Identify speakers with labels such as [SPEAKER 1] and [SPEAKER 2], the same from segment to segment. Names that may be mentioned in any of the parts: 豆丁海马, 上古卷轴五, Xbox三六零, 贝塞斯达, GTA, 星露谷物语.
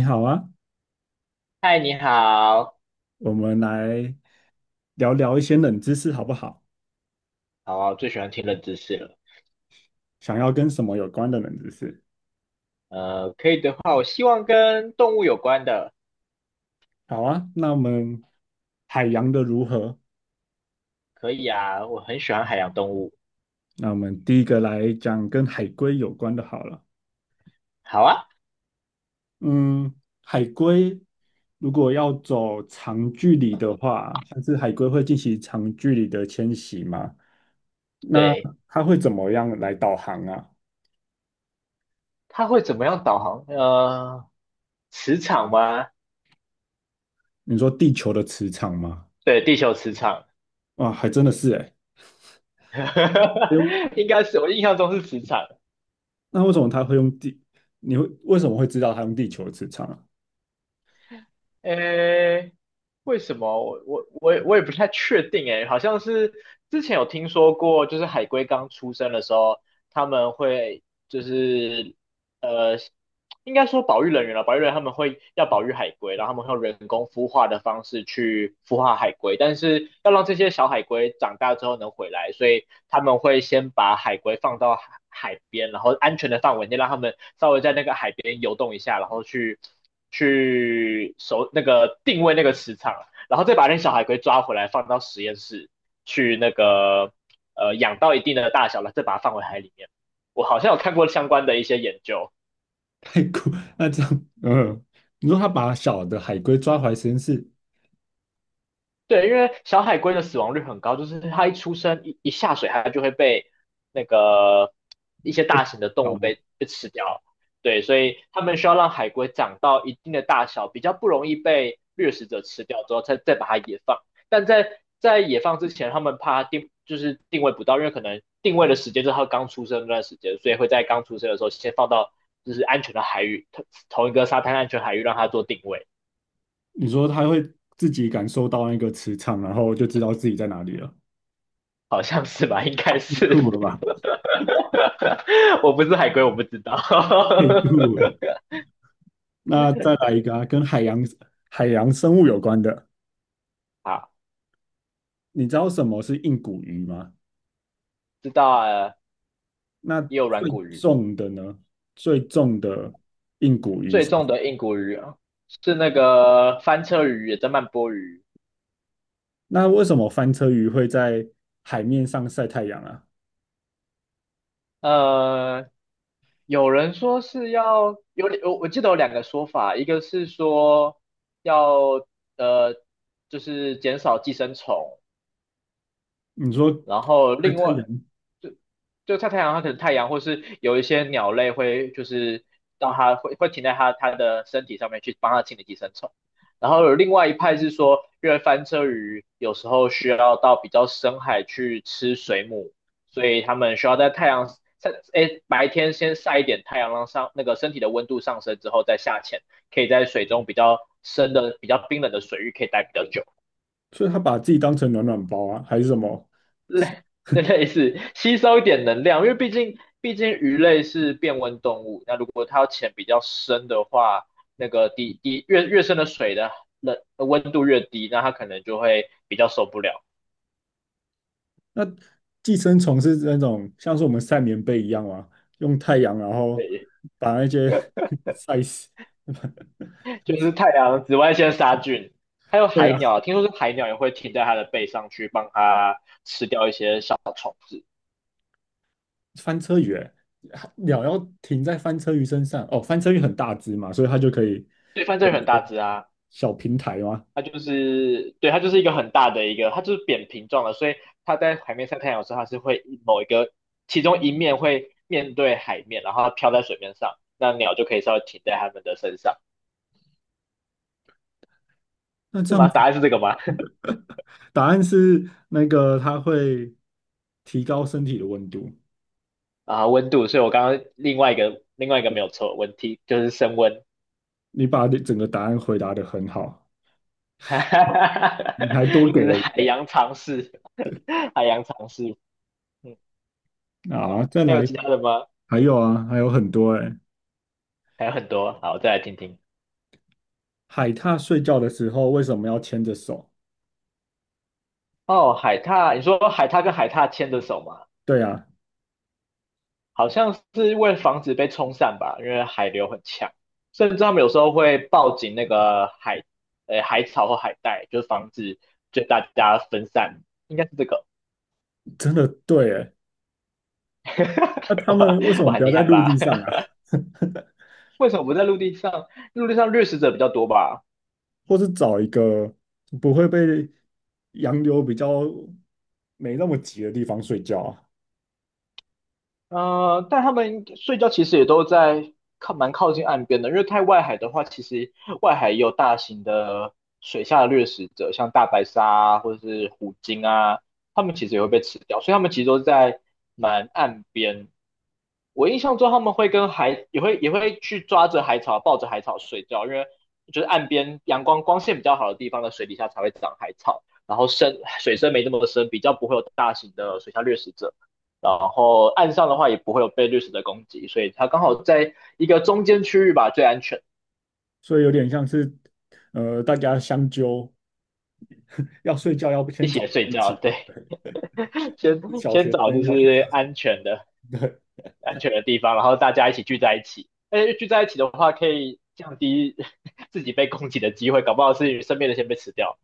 [SPEAKER 1] 你好啊，
[SPEAKER 2] 嗨，你好。
[SPEAKER 1] 我们来聊聊一些冷知识好不好？
[SPEAKER 2] 好啊，我最喜欢听冷知识了。
[SPEAKER 1] 想要跟什么有关的冷知识？
[SPEAKER 2] 可以的话，我希望跟动物有关的。
[SPEAKER 1] 好啊，那我们海洋的如何？
[SPEAKER 2] 可以啊，我很喜欢海洋动物。
[SPEAKER 1] 那我们第一个来讲跟海龟有关的好了。
[SPEAKER 2] 好啊。
[SPEAKER 1] 嗯，海龟如果要走长距离的话，像是海龟会进行长距离的迁徙吗？那
[SPEAKER 2] 对，
[SPEAKER 1] 它会怎么样来导航啊？
[SPEAKER 2] 它会怎么样导航？磁场吗？
[SPEAKER 1] 你说地球的磁场吗？
[SPEAKER 2] 对，地球磁场。
[SPEAKER 1] 哇，还真的是诶。
[SPEAKER 2] 应该是我印象中是磁场。
[SPEAKER 1] 那为什么他会用地？你会为什么会知道他用地球的磁场啊？
[SPEAKER 2] 诶，为什么？我也不太确定诶，好像是之前有听说过，就是海龟刚出生的时候，他们会就是呃，应该说保育人员了。保育人员他们会要保育海龟，然后他们会用人工孵化的方式去孵化海龟，但是要让这些小海龟长大之后能回来，所以他们会先把海龟放到海边，然后安全的范围内让他们稍微在那个海边游动一下，然后去守那个定位那个磁场，然后再把那小海龟抓回来放到实验室去那个养到一定的大小了，再把它放回海里面。我好像有看过相关的一些研究。
[SPEAKER 1] 太酷！那这样，嗯，你说他把小的海龟抓回来实验室
[SPEAKER 2] 对，因为小海龟的死亡率很高，就是它一出生一下水，它就会被那个一些
[SPEAKER 1] 会
[SPEAKER 2] 大型的动
[SPEAKER 1] 小
[SPEAKER 2] 物
[SPEAKER 1] 吗？
[SPEAKER 2] 被吃掉。对，所以他们需要让海龟长到一定的大小，比较不容易被掠食者吃掉之后，再把它野放。但在野放之前，他们怕它定就是定位不到，因为可能定位的时间就是它刚出生那段时间，所以会在刚出生的时候先放到就是安全的海域，同一个沙滩安全海域让它做定位。
[SPEAKER 1] 你说他会自己感受到那个磁场，然后就知道自己在哪里了，
[SPEAKER 2] 好像是吧，应该
[SPEAKER 1] 酷
[SPEAKER 2] 是。
[SPEAKER 1] 了吧？
[SPEAKER 2] 我不是海龟，我不知道。
[SPEAKER 1] 太酷了！那再来一个啊，跟海洋生物有关的，
[SPEAKER 2] 好，
[SPEAKER 1] 你知道什么是硬骨鱼吗？
[SPEAKER 2] 知道啊。
[SPEAKER 1] 那
[SPEAKER 2] 也有软
[SPEAKER 1] 最
[SPEAKER 2] 骨鱼。
[SPEAKER 1] 重的呢？最重的硬骨鱼
[SPEAKER 2] 最
[SPEAKER 1] 是
[SPEAKER 2] 重的硬骨鱼啊是那个翻车鱼，也叫曼波鱼。
[SPEAKER 1] 那为什么翻车鱼会在海面上晒太阳啊？
[SPEAKER 2] 呃，有人说是要有，我记得有两个说法，一个是说要呃，就是减少寄生虫。
[SPEAKER 1] 你说
[SPEAKER 2] 然后
[SPEAKER 1] 晒
[SPEAKER 2] 另
[SPEAKER 1] 太
[SPEAKER 2] 外
[SPEAKER 1] 阳，
[SPEAKER 2] 就就晒太阳，它可能太阳或是有一些鸟类会就是让它会停在它的身体上面去帮它清理寄生虫。然后有另外一派是说，因为翻车鱼有时候需要到比较深海去吃水母，所以它们需要在太阳晒，诶，白天先晒一点太阳，让上那个身体的温度上升之后再下潜，可以在水中比较深的、比较冰冷的水域可以待比较久。
[SPEAKER 1] 所以它把自己当成暖暖包啊，还是什么？
[SPEAKER 2] 类 类似吸收一点能量，因为毕竟鱼类是变温动物，那如果它要潜比较深的话，那个底越深的水的温度越低，那它可能就会比较受不了。
[SPEAKER 1] 那寄生虫是那种像是我们晒棉被一样啊，用太阳然后
[SPEAKER 2] 对。
[SPEAKER 1] 把那些 晒死。
[SPEAKER 2] 就是太阳紫外线杀菌。还有
[SPEAKER 1] 对
[SPEAKER 2] 海
[SPEAKER 1] 啊，
[SPEAKER 2] 鸟，听说是海鸟也会停在它的背上去帮它吃掉一些小。
[SPEAKER 1] 翻车鱼欸、鸟要停在翻车鱼身上哦，翻车鱼很大只嘛，所以它就可以
[SPEAKER 2] 对，反
[SPEAKER 1] 有
[SPEAKER 2] 正
[SPEAKER 1] 一
[SPEAKER 2] 很大
[SPEAKER 1] 个
[SPEAKER 2] 只啊。
[SPEAKER 1] 小平台嘛。
[SPEAKER 2] 它就是对，它就是一个很大的一个，它就是扁平状的，所以它在海面上太阳的时候，它是会某一个其中一面会面对海面，然后它飘在水面上，那鸟就可以稍微停在它们的身上。
[SPEAKER 1] 那
[SPEAKER 2] 是
[SPEAKER 1] 这样
[SPEAKER 2] 吗？
[SPEAKER 1] 子
[SPEAKER 2] 答案是这个吗？
[SPEAKER 1] 答案是那个它会提高身体的温度。
[SPEAKER 2] 啊，温度，所以我刚刚另外一个没有错，问题就是升温。
[SPEAKER 1] 你把你整个答案回答的很好，
[SPEAKER 2] 哈哈哈
[SPEAKER 1] 你还
[SPEAKER 2] 哈，
[SPEAKER 1] 多
[SPEAKER 2] 就
[SPEAKER 1] 给
[SPEAKER 2] 是
[SPEAKER 1] 了一
[SPEAKER 2] 海
[SPEAKER 1] 个
[SPEAKER 2] 洋常识，海洋常识。嗯，
[SPEAKER 1] 啊！再
[SPEAKER 2] 还有
[SPEAKER 1] 来，
[SPEAKER 2] 其他的吗？
[SPEAKER 1] 还有啊，还有很多哎、
[SPEAKER 2] 还有很多，好，再来听听。
[SPEAKER 1] 海獭睡觉的时候为什么要牵着手？
[SPEAKER 2] 哦，海獭，你说海獭跟海獭牵着手吗？
[SPEAKER 1] 对啊，
[SPEAKER 2] 好像是为了防止被冲散吧，因为海流很强，甚至他们有时候会抱紧那个海，海草或海带，就是防止就大家分散，应该是这个。
[SPEAKER 1] 真的对哎、那 他
[SPEAKER 2] 我
[SPEAKER 1] 们为什
[SPEAKER 2] 我
[SPEAKER 1] 么不
[SPEAKER 2] 很
[SPEAKER 1] 要
[SPEAKER 2] 厉
[SPEAKER 1] 在
[SPEAKER 2] 害
[SPEAKER 1] 陆地
[SPEAKER 2] 吧？
[SPEAKER 1] 上啊？
[SPEAKER 2] 为什么不在陆地上？陆地上掠食者比较多吧？
[SPEAKER 1] 或是找一个不会被洋流比较没那么急的地方睡觉啊？
[SPEAKER 2] 但他们睡觉其实也都在靠蛮靠近岸边的，因为太外海的话，其实外海也有大型的水下掠食者，像大白鲨啊，或者是虎鲸啊，他们其实也会被吃掉，所以他们其实都在蛮岸边。我印象中他们会跟海也会去抓着海草，抱着海草睡觉，因为就是岸边阳光光线比较好的地方的水底下才会长海草，然后深水深没那么深，比较不会有大型的水下掠食者。然后岸上的话也不会有被掠食的攻击，所以他刚好在一个中间区域吧，最安全，
[SPEAKER 1] 所以有点像是大家相纠，要睡觉要不
[SPEAKER 2] 一
[SPEAKER 1] 先
[SPEAKER 2] 起
[SPEAKER 1] 找
[SPEAKER 2] 睡
[SPEAKER 1] 东
[SPEAKER 2] 觉，
[SPEAKER 1] 西。
[SPEAKER 2] 对。先
[SPEAKER 1] 小
[SPEAKER 2] 先
[SPEAKER 1] 学
[SPEAKER 2] 找就
[SPEAKER 1] 生
[SPEAKER 2] 是
[SPEAKER 1] 要去。
[SPEAKER 2] 安全的安全的地方，然后大家一起聚在一起，而且聚在一起的话可以降低自己被攻击的机会，搞不好是身边的先被吃掉。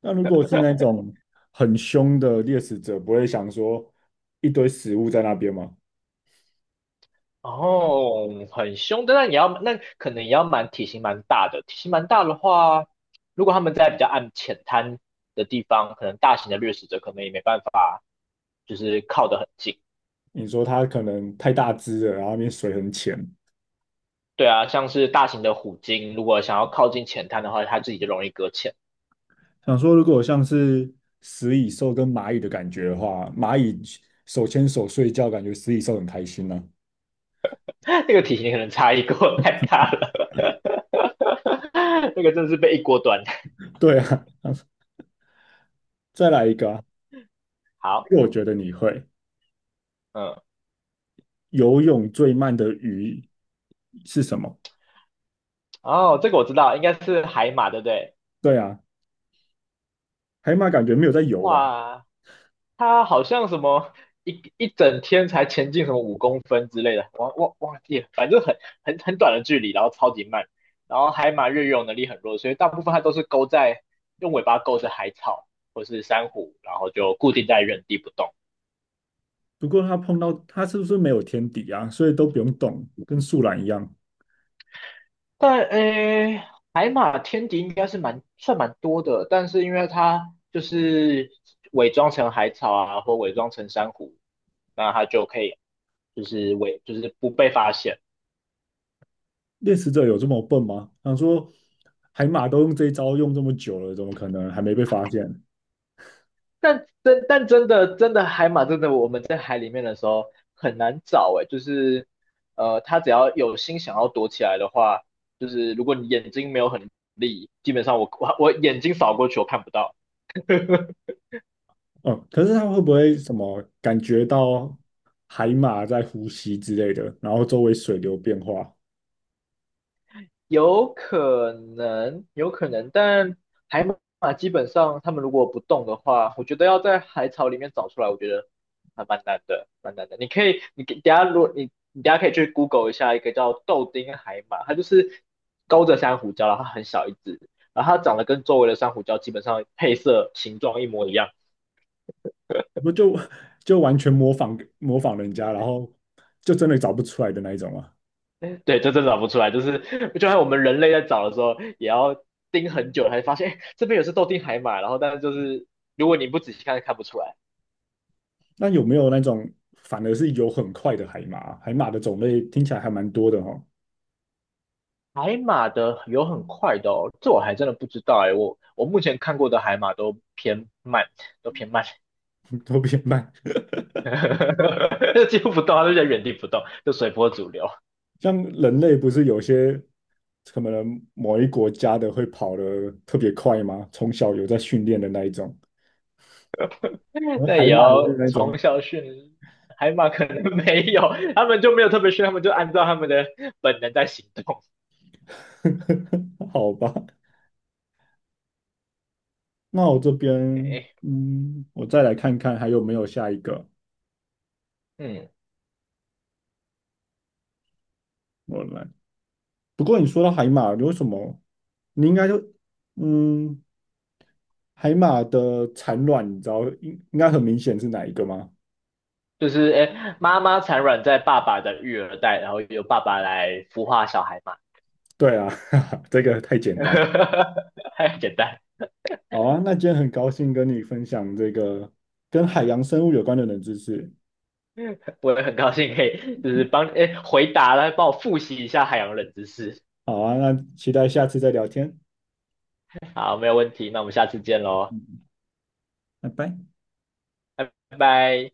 [SPEAKER 1] 那如果是那种很凶的猎食者，不会想说一堆食物在那边吗？
[SPEAKER 2] 哦，很凶，但那你要那可能也要蛮体型蛮大的，体型蛮大的话，如果他们在比较暗浅滩的地方，可能大型的掠食者可能也没办法就是靠得很近。
[SPEAKER 1] 你说它可能太大只了，然后那边水很浅。
[SPEAKER 2] 对啊，像是大型的虎鲸，如果想要靠近浅滩的话，它自己就容易搁浅。
[SPEAKER 1] 想说，如果像是食蚁兽跟蚂蚁的感觉的话，蚂蚁手牵手睡觉，感觉食蚁兽很开心呢、啊
[SPEAKER 2] 那个体型可能差异跟我太大了。那个真的是被一锅端。
[SPEAKER 1] 对啊，再来一个啊，
[SPEAKER 2] 好。
[SPEAKER 1] 因为我觉得你会。
[SPEAKER 2] 嗯，
[SPEAKER 1] 游泳最慢的鱼是什么？
[SPEAKER 2] 哦，这个我知道，应该是海马，对不对？
[SPEAKER 1] 对啊，海马感觉没有在游吧？
[SPEAKER 2] 哇，它好像什么一整天才前进什么5公分之类的，忘记了，反正很很短的距离，然后超级慢。然后海马越游能力很弱，所以大部分它都是勾在用尾巴勾着海草或是珊瑚，然后就固定在原地不动。
[SPEAKER 1] 不过它碰到它是不是没有天敌啊？所以都不用动，跟树懒一样。
[SPEAKER 2] 但诶，海马天敌应该是蛮多的，但是因为它就是伪装成海草啊，或伪装成珊瑚，那它就可以就是就是不被发现。
[SPEAKER 1] 猎食者有这么笨吗？想说海马都用这一招用这么久了，怎么可能还没被发现？
[SPEAKER 2] 但真的海马真的我们在海里面的时候很难找哎，就是它只要有心想要躲起来的话，就是如果你眼睛没有很利，基本上我眼睛扫过去我看不到。
[SPEAKER 1] 哦，可是它会不会什么感觉到海马在呼吸之类的，然后周围水流变化，
[SPEAKER 2] 有可能，有可能，但海马基本上他们如果不动的话，我觉得要在海草里面找出来，我觉得还蛮难的，蛮难的。你可以，你给等一下如果你等一下可以去 Google 一下一个叫豆丁海马，它就是勾着珊瑚礁，然后它很小一只，然后它长得跟周围的珊瑚礁基本上配色形状一模一样。
[SPEAKER 1] 不就就完全模仿人家，然后就真的找不出来的那一种啊？
[SPEAKER 2] 对，这真的找不出来，就是就像我们人类在找的时候，也要盯很久才发现，哎，这边也是豆丁海马，然后但是就是如果你不仔细看，看不出来。
[SPEAKER 1] 那有没有那种反而是有很快的海马？海马的种类听起来还蛮多的哦，
[SPEAKER 2] 海马的有很快的哦，这我还真的不知道哎，我我目前看过的海马都偏慢，都偏慢。
[SPEAKER 1] 都比较慢。
[SPEAKER 2] 就几乎不动，它就在原地不动，就随波逐流。
[SPEAKER 1] 像人类不是有些可能某一国家的会跑得特别快吗？从小有在训练的那一种，然
[SPEAKER 2] 那也
[SPEAKER 1] 海马也是
[SPEAKER 2] 要
[SPEAKER 1] 那
[SPEAKER 2] 从
[SPEAKER 1] 种，
[SPEAKER 2] 小训海马，可能没有，他们就没有特别训，他们就按照他们的本能在行动。
[SPEAKER 1] 好吧。那我这边，
[SPEAKER 2] 哎，
[SPEAKER 1] 嗯，我再来看看还有没有下一个。
[SPEAKER 2] 嗯，
[SPEAKER 1] 我来，不过你说到海马，有什么？你应该就，嗯，海马的产卵，你知道应该很明显是哪一个吗？
[SPEAKER 2] 就是哎，妈妈产卵在爸爸的育儿袋，然后由爸爸来孵化小海马。
[SPEAKER 1] 对啊，这个太简单。
[SPEAKER 2] 太简单。
[SPEAKER 1] 好啊，那今天很高兴跟你分享这个跟海洋生物有关的冷知识。
[SPEAKER 2] 我也很高兴可以就是帮哎回答了，帮我复习一下海洋冷知识。
[SPEAKER 1] 好啊，那期待下次再聊天。
[SPEAKER 2] 好，没有问题，那我们下次见喽，
[SPEAKER 1] 嗯，拜拜。
[SPEAKER 2] 拜拜。